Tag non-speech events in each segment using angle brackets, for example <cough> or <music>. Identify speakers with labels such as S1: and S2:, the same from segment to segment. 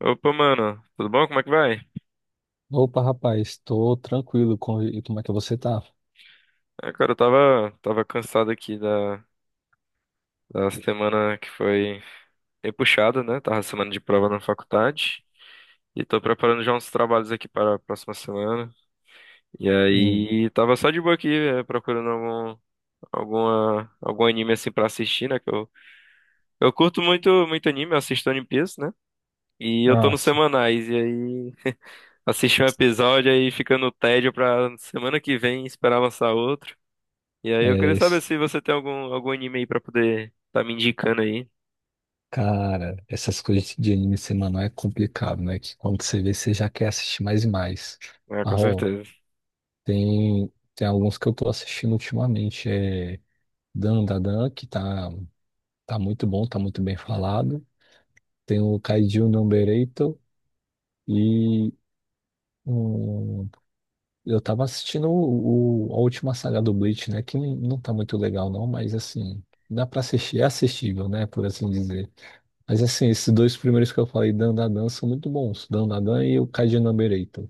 S1: Opa, mano, tudo bom? Como é que vai?
S2: Opa, rapaz, estou tranquilo. E como é que você tá?
S1: Ah, cara, eu tava cansado aqui da semana que foi bem puxada, né? Tava semana de prova na faculdade e tô preparando já uns trabalhos aqui para a próxima semana. E
S2: Hum.
S1: aí, tava só de boa aqui, procurando algum anime assim pra assistir, né? Que eu curto muito, muito anime, eu assisto One Piece, né? E eu tô
S2: Ah,
S1: nos
S2: sim.
S1: semanais, e aí assisti um episódio aí fica no tédio pra semana que vem esperar lançar outro. E aí eu
S2: É,
S1: queria saber
S2: es-
S1: se você tem algum anime aí pra poder tá me indicando aí.
S2: Cara, essas coisas de anime semanal é complicado, né? Que quando você vê, você já quer assistir mais e mais.
S1: É, com
S2: Ah, ó,
S1: certeza.
S2: tem alguns que eu tô assistindo ultimamente. É Dan Da Dan, que tá muito bom, tá muito bem falado. Tem o Kaiju Number 8 e. um Eu tava assistindo a última saga do Bleach, né? Que não tá muito legal, não, mas assim, dá pra assistir, é assistível, né? Por assim dizer. Mas assim, esses dois primeiros que eu falei, Dandadan, são muito bons. Dandadan e o Kaji Number Eight.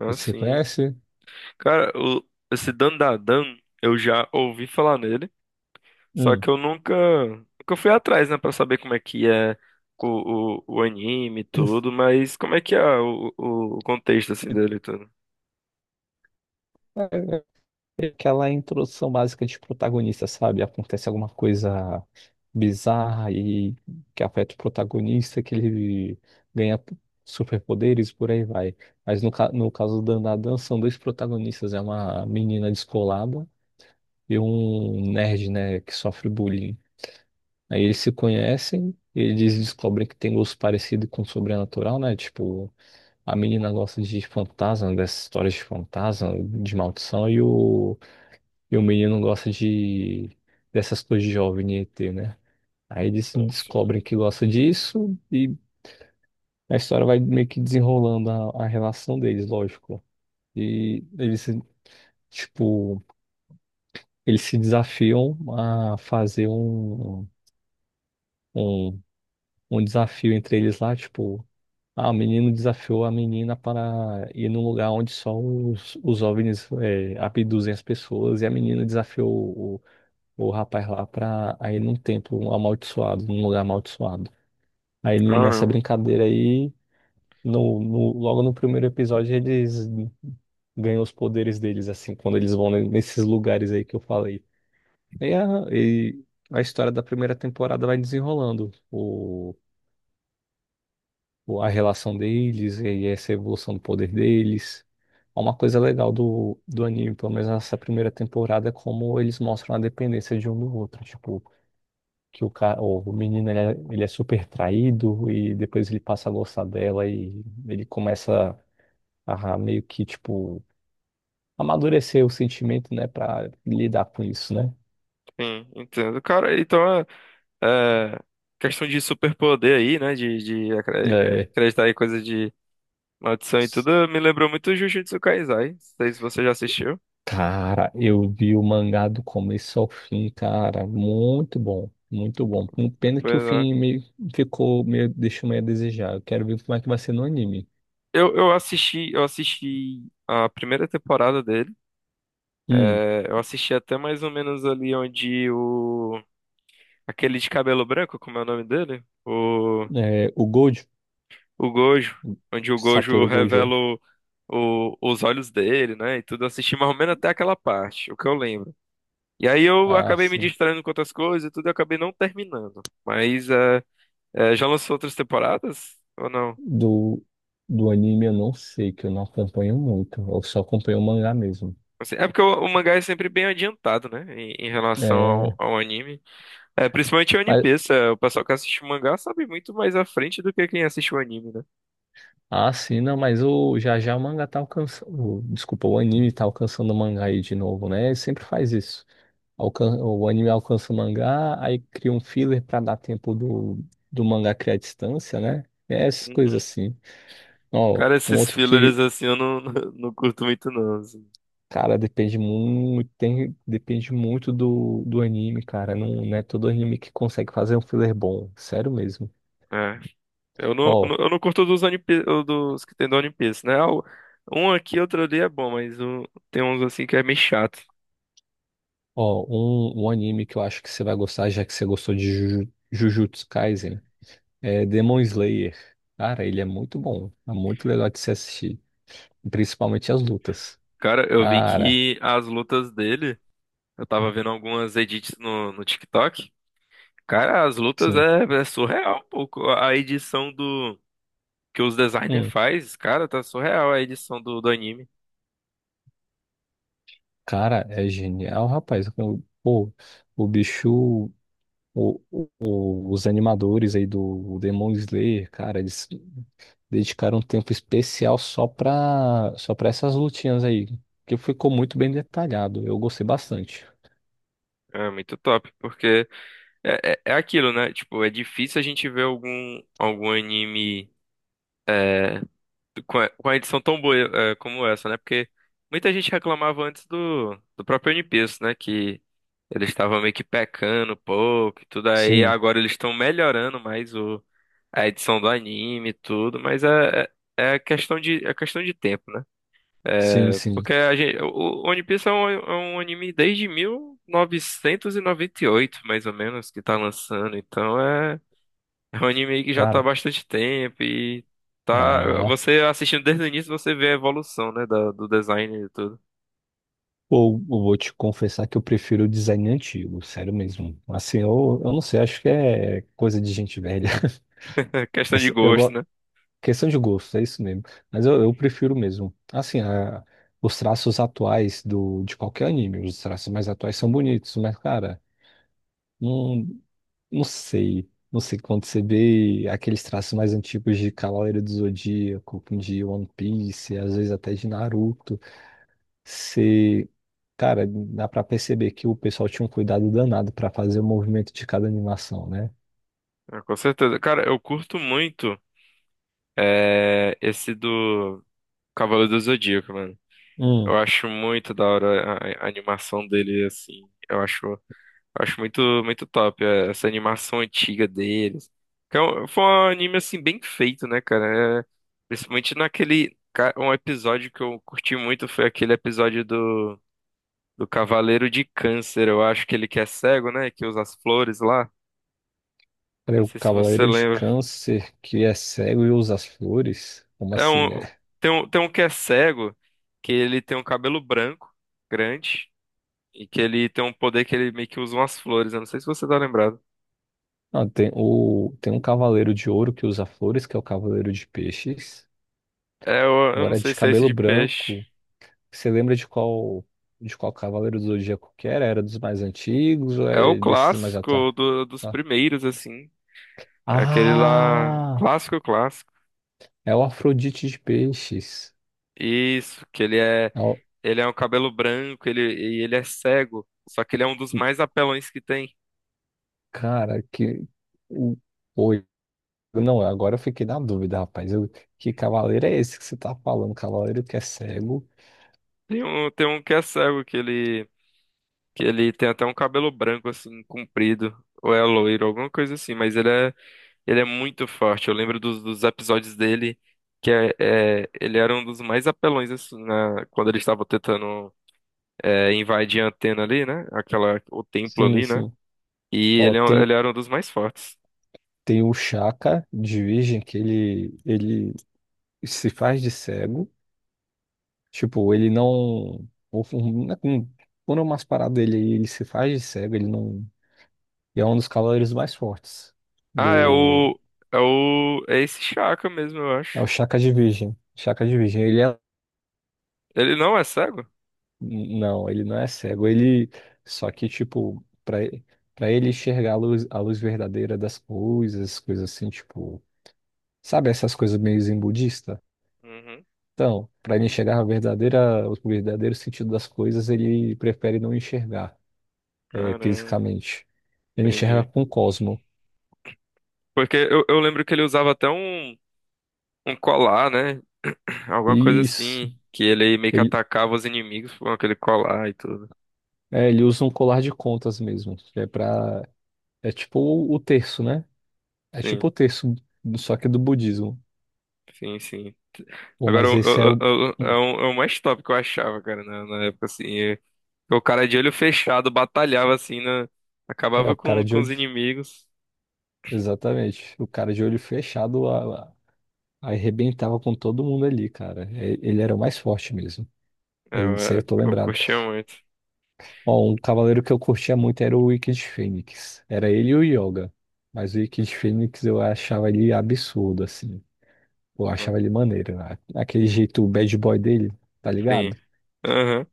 S1: Ah,
S2: Esse você
S1: sim.
S2: conhece?
S1: Cara, esse Dandadan, eu já ouvi falar nele, só
S2: Hum.
S1: que eu nunca fui atrás, né, pra saber como é que é o anime e tudo, mas como é que é o contexto, assim, dele e tudo.
S2: <clears throat> Aquela introdução básica de protagonista, sabe? Acontece alguma coisa bizarra e que afeta o protagonista, que ele ganha superpoderes, por aí vai. Mas no caso da Nadan, são dois protagonistas, é uma menina descolada e um nerd, né, que sofre bullying. Aí eles se conhecem, eles descobrem que tem gosto parecido com o sobrenatural, né? Tipo, a menina gosta de fantasma, dessas histórias de fantasma, de maldição, e o menino gosta de dessas coisas de jovem e ET, né? Aí eles
S1: Ah, sim.
S2: descobrem que gosta disso e a história vai meio que desenrolando a relação deles, lógico. E eles, tipo, eles se desafiam a fazer um, um desafio entre eles lá, tipo, ah, o menino desafiou a menina para ir num lugar onde só os OVNIs é, abduzem as pessoas e a menina desafiou o rapaz lá pra aí num templo amaldiçoado, num lugar amaldiçoado. Aí nessa
S1: Caramba.
S2: brincadeira aí, logo no primeiro episódio, eles ganham os poderes deles, assim, quando eles vão nesses lugares aí que eu falei. E a, e a história da primeira temporada vai desenrolando a relação deles e essa evolução do poder deles. É uma coisa legal do anime, pelo menos nessa primeira temporada, é como eles mostram a dependência de um do outro. Tipo, que o cara, o menino ele é super traído e depois ele passa a gostar dela e ele começa a meio que tipo amadurecer o sentimento, né, pra lidar com isso, né?
S1: Sim, entendo. Cara, então é questão de superpoder aí, né, de
S2: É.
S1: acreditar em coisa de maldição e tudo me lembrou muito Jujutsu Kaisai. Não sei se você já assistiu.
S2: Cara, eu vi o mangá do começo ao fim, cara, muito bom, muito bom.
S1: Eu,
S2: Pena que
S1: fui
S2: o
S1: lá.
S2: fim meio ficou meio deixou meio a desejar. Eu quero ver como é que vai ser no anime.
S1: Eu assisti a primeira temporada dele.
S2: Hum,
S1: É, eu assisti até mais ou menos ali onde o aquele de cabelo branco, como é o nome dele? O
S2: é, o Gojo,
S1: o Gojo, onde o Gojo
S2: Satoru Gojo.
S1: revela os olhos dele, né? E tudo, eu assisti mais ou menos até aquela parte, o que eu lembro. E aí eu
S2: Ah,
S1: acabei me
S2: sim.
S1: distraindo com outras coisas e tudo, eu acabei não terminando. Mas já lançou outras temporadas ou não?
S2: Do, do anime eu não sei, que eu não acompanho muito. Eu só acompanho o mangá mesmo.
S1: Assim, é porque o mangá é sempre bem adiantado, né? Em relação ao,
S2: É,
S1: ao anime. É, principalmente o One
S2: mas,
S1: Piece. É, o pessoal que assiste o mangá sabe muito mais à frente do que quem assiste o anime, né?
S2: ah, sim, não, mas o, já já o mangá tá alcançando. Desculpa, o anime tá alcançando o mangá aí de novo, né? Ele sempre faz isso. Alcan, o anime alcança o mangá, aí cria um filler pra dar tempo do mangá criar distância, né? É essas coisas
S1: Uhum.
S2: assim. Ó,
S1: Cara,
S2: um
S1: esses
S2: outro
S1: fillers
S2: que
S1: assim eu não, <laughs> não, curto muito, não assim.
S2: cara, depende muito, tem, depende muito do anime, cara. Não, não é todo anime que consegue fazer um filler bom. Sério mesmo.
S1: É. Eu não, eu não
S2: Ó,
S1: eu não curto dos que tem do One Piece, né? Um aqui, outro ali é bom, mas tem uns assim que é meio chato.
S2: ó, um anime que eu acho que você vai gostar, já que você gostou de Juju- Jujutsu Kaisen, é Demon Slayer. Cara, ele é muito bom. É muito legal de se assistir. Principalmente as lutas.
S1: Cara, eu vi
S2: Cara,
S1: que as lutas dele. Eu tava vendo algumas edits no TikTok. Cara, as lutas
S2: sim.
S1: é surreal um pouco. A edição do que os designers
S2: Hum,
S1: faz, cara, tá surreal a edição do anime.
S2: cara, é genial, rapaz. Pô, o bicho. Os animadores aí do Demon Slayer, cara, eles dedicaram um tempo especial só para essas lutinhas aí, que ficou muito bem detalhado. Eu gostei bastante.
S1: É muito top, porque é aquilo, né? Tipo, é difícil a gente ver algum anime. é, com a edição tão boa, como essa, né? Porque muita gente reclamava antes do próprio One Piece, né? Que eles estavam meio que pecando um pouco e tudo aí.
S2: Sim,
S1: Agora eles estão melhorando mais a edição do anime e tudo, mas é questão de tempo, né?
S2: sim,
S1: É,
S2: sim.
S1: porque a gente, o One Piece é um anime desde 1998, mais ou menos, que tá lançando, então é um anime que já tá há
S2: Cara,
S1: bastante tempo e tá.
S2: ah,
S1: Você assistindo desde o início, você vê a evolução, né? Do design e tudo.
S2: ou eu vou te confessar que eu prefiro o design antigo, sério mesmo. Assim, eu não sei, acho que é coisa de gente velha.
S1: É
S2: <laughs>
S1: questão de
S2: Essa- Eu
S1: gosto,
S2: gosto,
S1: né?
S2: questão de gosto, é isso mesmo. Mas eu prefiro mesmo. Assim, a- os traços atuais do, de qualquer anime, os traços mais atuais são bonitos, mas, cara. Não. Não sei. Não sei quando você vê aqueles traços mais antigos de Cavaleiro do Zodíaco, de One Piece, às vezes até de Naruto. Você, cara, dá pra perceber que o pessoal tinha um cuidado danado pra fazer o movimento de cada animação, né?
S1: É, com certeza. Cara, eu curto muito, esse do Cavaleiro do Zodíaco, mano.
S2: Hum.
S1: Eu acho muito da hora a animação dele, assim. Eu acho muito, muito top, essa animação antiga deles. Foi um anime assim bem feito, né, cara? É, principalmente naquele. Um episódio que eu curti muito foi aquele episódio do Cavaleiro de Câncer. Eu acho que ele que é cego, né? Que usa as flores lá.
S2: Peraí,
S1: Não
S2: o
S1: sei se você
S2: Cavaleiro de
S1: lembra.
S2: Câncer que é cego e usa as flores? Como
S1: É
S2: assim, né?
S1: um, tem um que é cego, que ele tem um cabelo branco, grande, e que ele tem um poder que ele meio que usa umas flores. Eu não sei se você tá lembrado.
S2: Não, tem, o, tem um Cavaleiro de Ouro que usa flores, que é o Cavaleiro de Peixes.
S1: É, eu não
S2: Agora,
S1: sei
S2: de
S1: se é esse
S2: cabelo
S1: de peixe.
S2: branco. Você lembra de qual Cavaleiro do Zodíaco que era? Era dos mais antigos ou
S1: É o
S2: é desses mais atuais?
S1: clássico dos primeiros, assim. É aquele lá,
S2: Ah,
S1: clássico, clássico.
S2: é o Afrodite de Peixes.
S1: Isso, que ele é,
S2: É o-
S1: ele é um cabelo branco, e ele é cego. Só que ele é um dos mais apelões que tem.
S2: Cara, que. o- Oi. Não, agora eu fiquei na dúvida, rapaz. Que cavaleiro é esse que você tá falando? Cavaleiro que é cego?
S1: Tem um que é cego, que ele tem até um cabelo branco, assim, comprido. Ou é loiro, alguma coisa assim. Mas ele é muito forte. Eu lembro dos episódios dele, que é, ele era um dos mais apelões, assim, quando ele estava tentando invadir a antena ali, né? Aquela, o templo
S2: Sim,
S1: ali, né?
S2: sim.
S1: E
S2: Ó,
S1: ele, ele
S2: tem,
S1: era um dos mais fortes.
S2: tem o Chaka de Virgem, que ele se faz de cego. Tipo, ele não. Né, quando é umas paradas dele aí, ele se faz de cego, ele não. E é um dos cavaleiros mais fortes
S1: Ah,
S2: do.
S1: é esse Chaka mesmo, eu
S2: É o
S1: acho.
S2: Shaka de Virgem. Shaka de Virgem. Ele é.
S1: Ele não é cego?
S2: Não, ele não é cego. Ele. Só que, tipo, pra ele enxergar a luz verdadeira das coisas, coisas assim, tipo. Sabe essas coisas meio zen budista?
S1: Uhum.
S2: Então, pra ele enxergar a verdadeira, o verdadeiro sentido das coisas, ele prefere não enxergar. É,
S1: Caramba,
S2: fisicamente. Ele enxerga
S1: entendi.
S2: com o Cosmo.
S1: Porque eu lembro que ele usava até um colar, né? <clears throat> Alguma coisa
S2: Isso.
S1: assim, que ele meio que
S2: Ele,
S1: atacava os inimigos com aquele colar e tudo.
S2: é, ele usa um colar de contas mesmo. É para É tipo o terço, né? É tipo
S1: Sim,
S2: o terço, só que do budismo.
S1: sim, sim.
S2: Bom,
S1: Agora,
S2: mas esse é o
S1: é
S2: hum,
S1: um mais top que eu achava, cara, na época, assim. O cara de olho fechado batalhava assim, né?
S2: é
S1: Acabava
S2: o
S1: com,
S2: cara de
S1: com os
S2: olho,
S1: inimigos.
S2: exatamente. O cara de olho fechado arrebentava com todo mundo ali, cara. É, ele era o mais forte mesmo.
S1: É,
S2: Disso aí eu
S1: Eu,
S2: tô
S1: eu
S2: lembrado.
S1: curtia muito.
S2: Ó, um cavaleiro que eu curtia muito era o Wicked Fênix. Era ele e o Yoga. Mas o Wicked Fênix eu achava ele absurdo, assim. Eu achava
S1: Hum.
S2: ele maneiro. Né? Aquele jeito bad boy dele, tá ligado?
S1: Sim. Aham.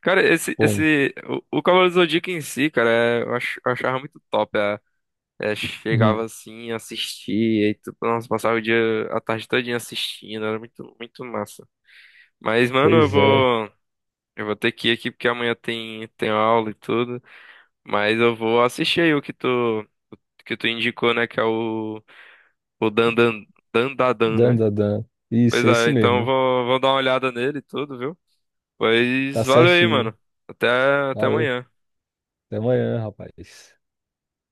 S1: Cara, esse,
S2: Bom,
S1: esse, o, o Cavaleiro do Zodíaco em si, cara, eu achava muito top.
S2: uhum.
S1: Chegava assim, assistia, e tu, nossa, passava o dia, a tarde todinha assistindo, era muito, muito massa. Mas, mano, eu
S2: Pois é.
S1: vou, eu vou ter que ir aqui porque amanhã tem aula e tudo. Mas eu vou assistir aí o que tu indicou, né, que é o Dandadan,
S2: Dan,
S1: né?
S2: dan, dan.
S1: Pois
S2: Isso, é esse
S1: é, então eu
S2: mesmo.
S1: vou dar uma olhada nele e tudo, viu?
S2: Tá
S1: Pois valeu aí,
S2: certinho.
S1: mano. Até, até
S2: Valeu.
S1: amanhã.
S2: Até amanhã, rapaz.